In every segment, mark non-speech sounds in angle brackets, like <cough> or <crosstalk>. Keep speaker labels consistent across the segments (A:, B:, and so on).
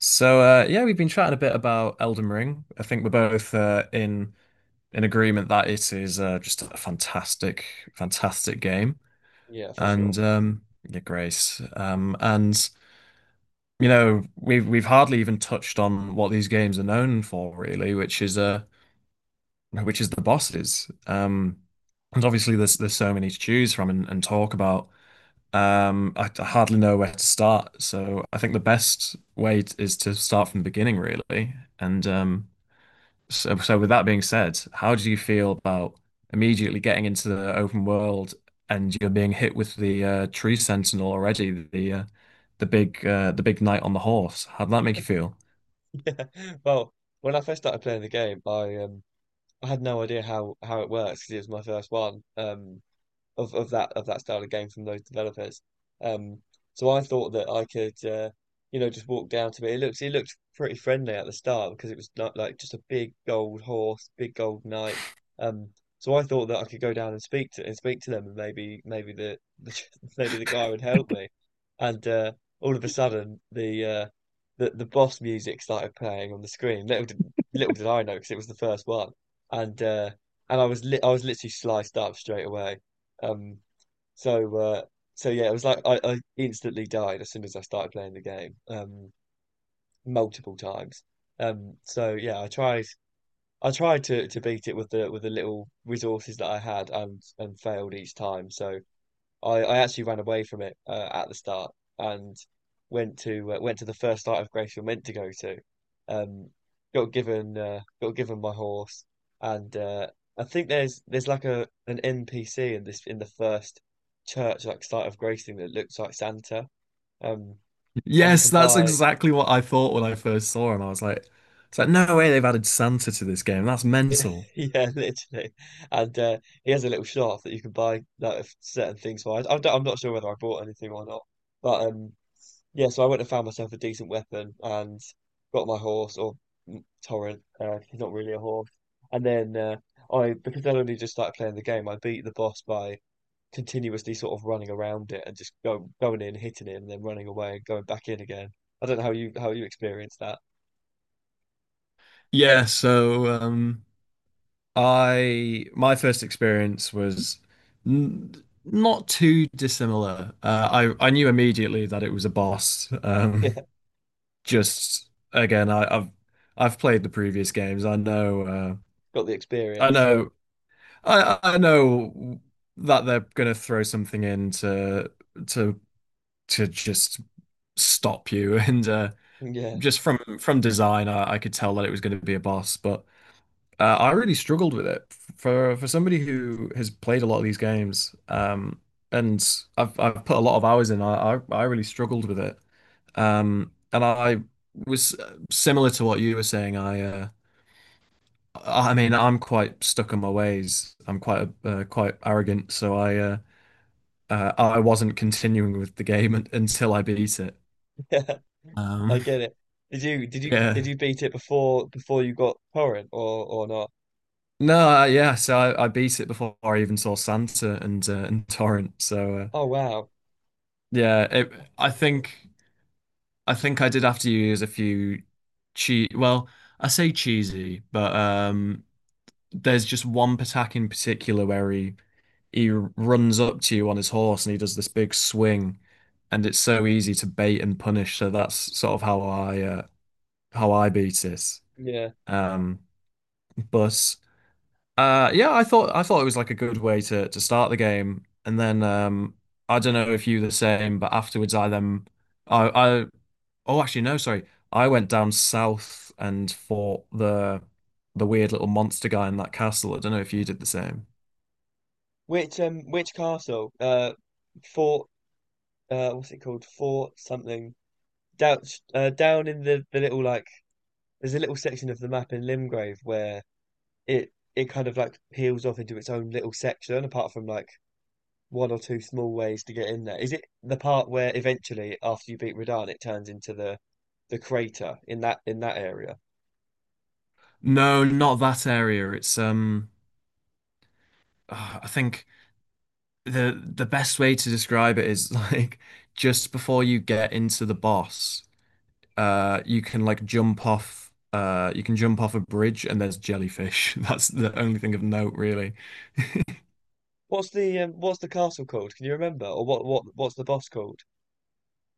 A: So yeah, we've been chatting a bit about Elden Ring. I think we're both in agreement that it is just a fantastic, fantastic game.
B: Yeah, for
A: And
B: sure. <laughs>
A: yeah, Grace. And we've hardly even touched on what these games are known for, really, which is the bosses. And obviously, there's so many to choose from and talk about. I hardly know where to start. So I think the best way is to start from the beginning, really. So with that being said, how do you feel about immediately getting into the open world and you're being hit with the tree sentinel already, the big knight on the horse? How'd that make you feel?
B: Yeah. Well, when I first started playing the game, I had no idea how it works 'cause it was my first one. Of that style of game from those developers. Um, so I thought that I could, just walk down to it. It looked pretty friendly at the start because it was not like just a big gold horse, big gold knight. Um, so I thought that I could go down and speak to them, and maybe maybe the <laughs> maybe the guy would help me. And All of a sudden, the boss music started playing on the screen. Little did I know because it was the first one, and uh, and I was literally sliced up straight away. Um, so uh, so yeah, it was like I instantly died as soon as I started playing the game, multiple times. So yeah, I tried to beat it with the little resources that I had and failed each time. So I actually ran away from it at the start and went to the first start of Grace you're meant to go to. Um, got given my horse, and I think there's like a an NPC in this in the first church like start of Grace thing that looks like Santa. Um, and you
A: Yes,
B: can
A: that's
B: buy…
A: exactly what I thought when I first saw him. I was like, it's like no way they've added Santa to this game. That's mental.
B: <laughs> Yeah, literally, and he has a little shop that you can buy like certain things for. I'm not sure whether I bought anything or not, but… Yeah, so I went and found myself a decent weapon and got my horse, or mm, torrent. He's not really a horse. And then uh, because I'd only just started playing the game, I beat the boss by continuously sort of running around it and going in, hitting it, and then running away and going back in again. I don't know how you experienced that. <laughs>
A: yeah, so um I my first experience was n not too dissimilar. I knew immediately that it was a boss.
B: Yeah,
A: Just again, I've played the previous games.
B: got the
A: I
B: experience.
A: know I know that they're gonna throw something in to to just stop you <laughs> and
B: Yeah,
A: just from design I could tell that it was gonna be a boss, but I really struggled with it for somebody who has played a lot of these games, and I've put a lot of hours in. I really struggled with it, and I was similar to what you were saying. I mean I'm quite stuck in my ways. I'm quite quite arrogant, so I wasn't continuing with the game until I beat it.
B: <laughs> yeah, I
A: Um,
B: get it. Did you did
A: <laughs>
B: you
A: yeah.
B: did you beat it before you got torrent, or not?
A: No, Yeah, so I beat it before I even saw Santa and Torrent.
B: Oh wow.
A: Yeah, it, I think I did have to use a few cheese. Well, I say cheesy, but there's just one Patak in particular where he runs up to you on his horse and he does this big swing, and it's so easy to bait and punish. So that's sort of how I beat it.
B: Yeah.
A: Um, but yeah, I thought it was like a good way to start the game, and then I don't know if you the same, but afterwards I then. I, I Oh, actually, no, sorry. I went down south and fought the weird little monster guy in that castle. I don't know if you did the same.
B: Which castle? Fort… uh, what's it called? Fort something. Down uh, down in the little like… there's a little section of the map in Limgrave where it kind of like peels off into its own little section apart from like one or two small ways to get in there. Is it the part where eventually after you beat Radahn it turns into the crater in that area?
A: No, not that area. I think the best way to describe it is <laughs> like just before you get into the boss. You can like jump off. You can jump off a bridge, and there's jellyfish. <laughs> That's the only thing of note, really.
B: What's the castle called? Can you remember? Or what's the boss called?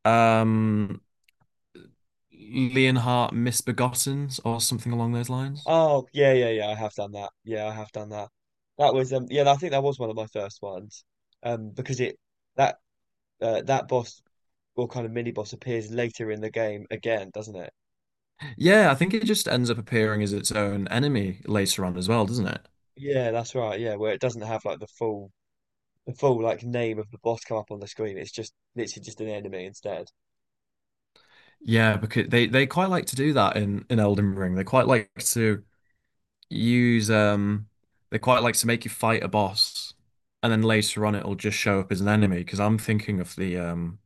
A: Um, Leonhardt Misbegottens, or something along those lines.
B: Oh, yeah, yeah, yeah. I have done that. Yeah, I have done that. That was yeah, I think that was one of my first ones, because it… that… that boss, or kind of mini boss, appears later in the game again, doesn't it?
A: Yeah, I think it just ends up appearing as its own enemy later on as well, doesn't it?
B: Yeah, that's right. Yeah, where it doesn't have like the full like name of the boss come up on the screen. It's just literally just an enemy instead.
A: Yeah, because they quite like to do that in Elden Ring. They quite like to use they quite like to make you fight a boss, and then later on it'll just show up as an enemy. Because I'm thinking of the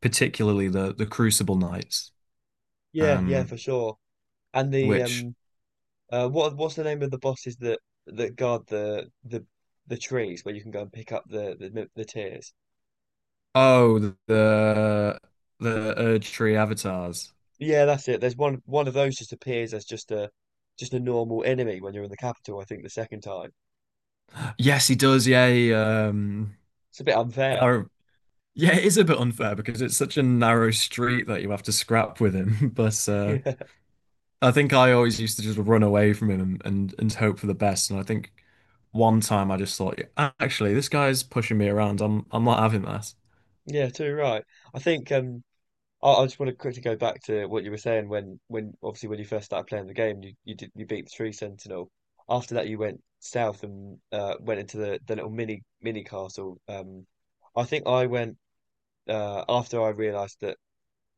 A: particularly the Crucible Knights,
B: Yeah, yeah,
A: um,
B: for sure. And the
A: which
B: what what's the name of the bosses that guard the trees where you can go and pick up the tears?
A: oh the, Erdtree avatars.
B: Yeah, that's it. There's one of those just appears as just a normal enemy when you're in the capital, I think the second time.
A: Yes, he does.
B: It's a bit unfair.
A: Are, yeah, it is a bit unfair because it's such a narrow street that you have to scrap with him. <laughs> But
B: <laughs> Yeah,
A: I think I always used to just run away from him and, and hope for the best. And I think one time I just thought, "Yeah, actually, this guy's pushing me around. I'm not having that.
B: yeah, too right. I think I just want to quickly go back to what you were saying when… obviously when you first started playing the game, you did… you beat the Tree Sentinel. After that you went south and went into the little mini castle. Um, I think I went… uh, after I realized that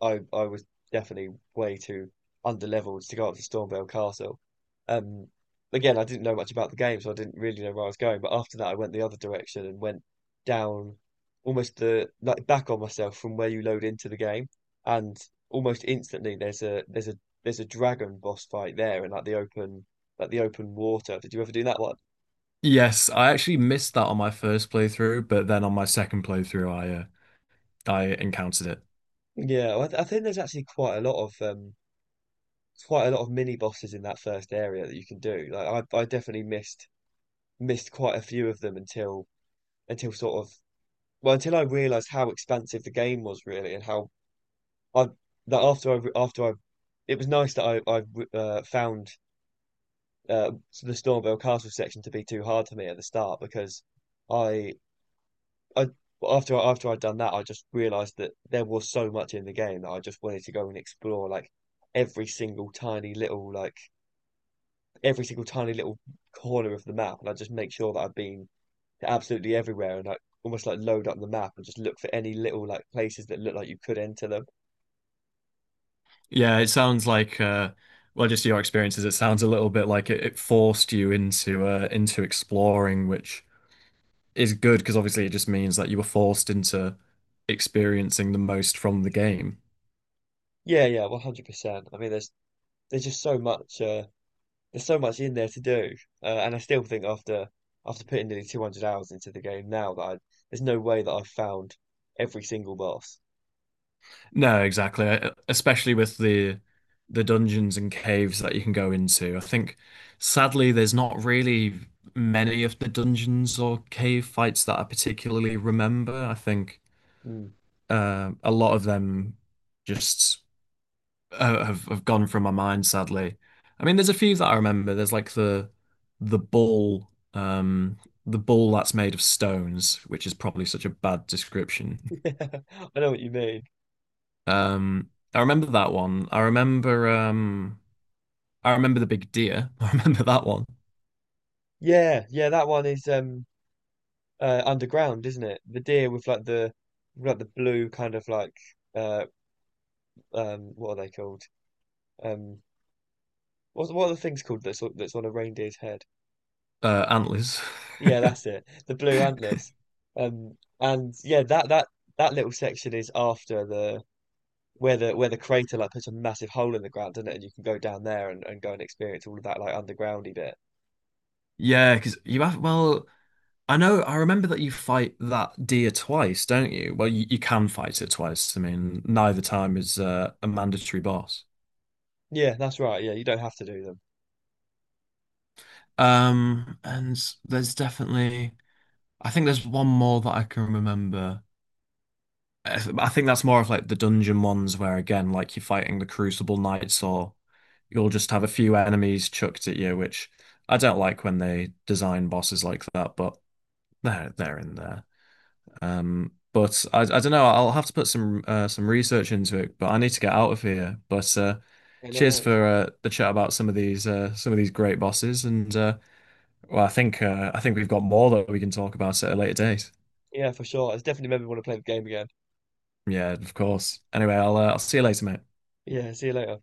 B: I was definitely way too underleveled to go up to Stormvale Castle. Um, Again, I didn't know much about the game, so I didn't really know where I was going. But after that, I went the other direction and went down, almost the like back on myself from where you load into the game, and almost instantly there's a there's a there's a dragon boss fight there in like the open, like the open water. Did you ever do that one?
A: Yes, I actually missed that on my first playthrough, but then on my second playthrough, I encountered it.
B: Yeah, I think there's actually quite a lot of mini bosses in that first area that you can do. Like I definitely missed quite a few of them until… until sort of until I realized how expansive the game was really, and how I that after I… it was nice that I found uh, the Stormvale Castle section to be too hard for me at the start, because I I after I'd done that I just realized that there was so much in the game that I just wanted to go and explore, like every single tiny little like every single tiny little corner of the map, and I just make sure that I've been absolutely everywhere, and like almost like load up the map and just look for any little like places that look like you could enter them.
A: Yeah, it sounds like, well just your experiences, it sounds a little bit like it forced you into exploring, which is good because obviously it just means that you were forced into experiencing the most from the game.
B: Yeah, yeah, 100%. I mean, there's just so much… there's so much in there to do. And I still think after putting nearly 200 hours into the game now that I there's no way that I've found every single boss.
A: No, exactly. Especially with the dungeons and caves that you can go into. I think sadly there's not really many of the dungeons or cave fights that I particularly remember. I think
B: Mm.
A: a lot of them just have gone from my mind, sadly. I mean, there's a few that I remember. There's like the ball, um, the ball that's made of stones, which is probably such a bad description. <laughs>
B: <laughs> I know what you mean.
A: Um, I remember that one. I remember the big deer. <laughs> I remember that one.
B: Yeah, yeah, that one is um, uh, underground, isn't it? The deer with like like the blue kind of like, uh, um, what are they called? Um, what are the things called that's on a reindeer's head?
A: Antlers. <laughs>
B: Yeah, that's it. The blue antlers. And yeah, that little section is after the where the crater like puts a massive hole in the ground, doesn't it? And you can go down there and go and experience all of that like undergroundy bit.
A: Yeah, because you have. Well, I know. I remember that you fight that deer twice, don't you? Well, you can fight it twice. I mean, neither time is a mandatory boss.
B: Yeah, that's right. Yeah, you don't have to do them.
A: And There's definitely, I think there's one more that I can remember. I think that's more of like the dungeon ones where again, like you're fighting the Crucible Knights, or you'll just have a few enemies chucked at you, which I don't like when they design bosses like that, but they're in there. But I don't know. I'll have to put some research into it, but I need to get out of here. But
B: Yeah, no
A: cheers
B: worries.
A: for the chat about some of these great bosses and. Well, I think we've got more that we can talk about at a later date.
B: Yeah, for sure. I definitely made want to play the game again.
A: Yeah, of course. Anyway, I'll see you later, mate.
B: Yeah, see you later.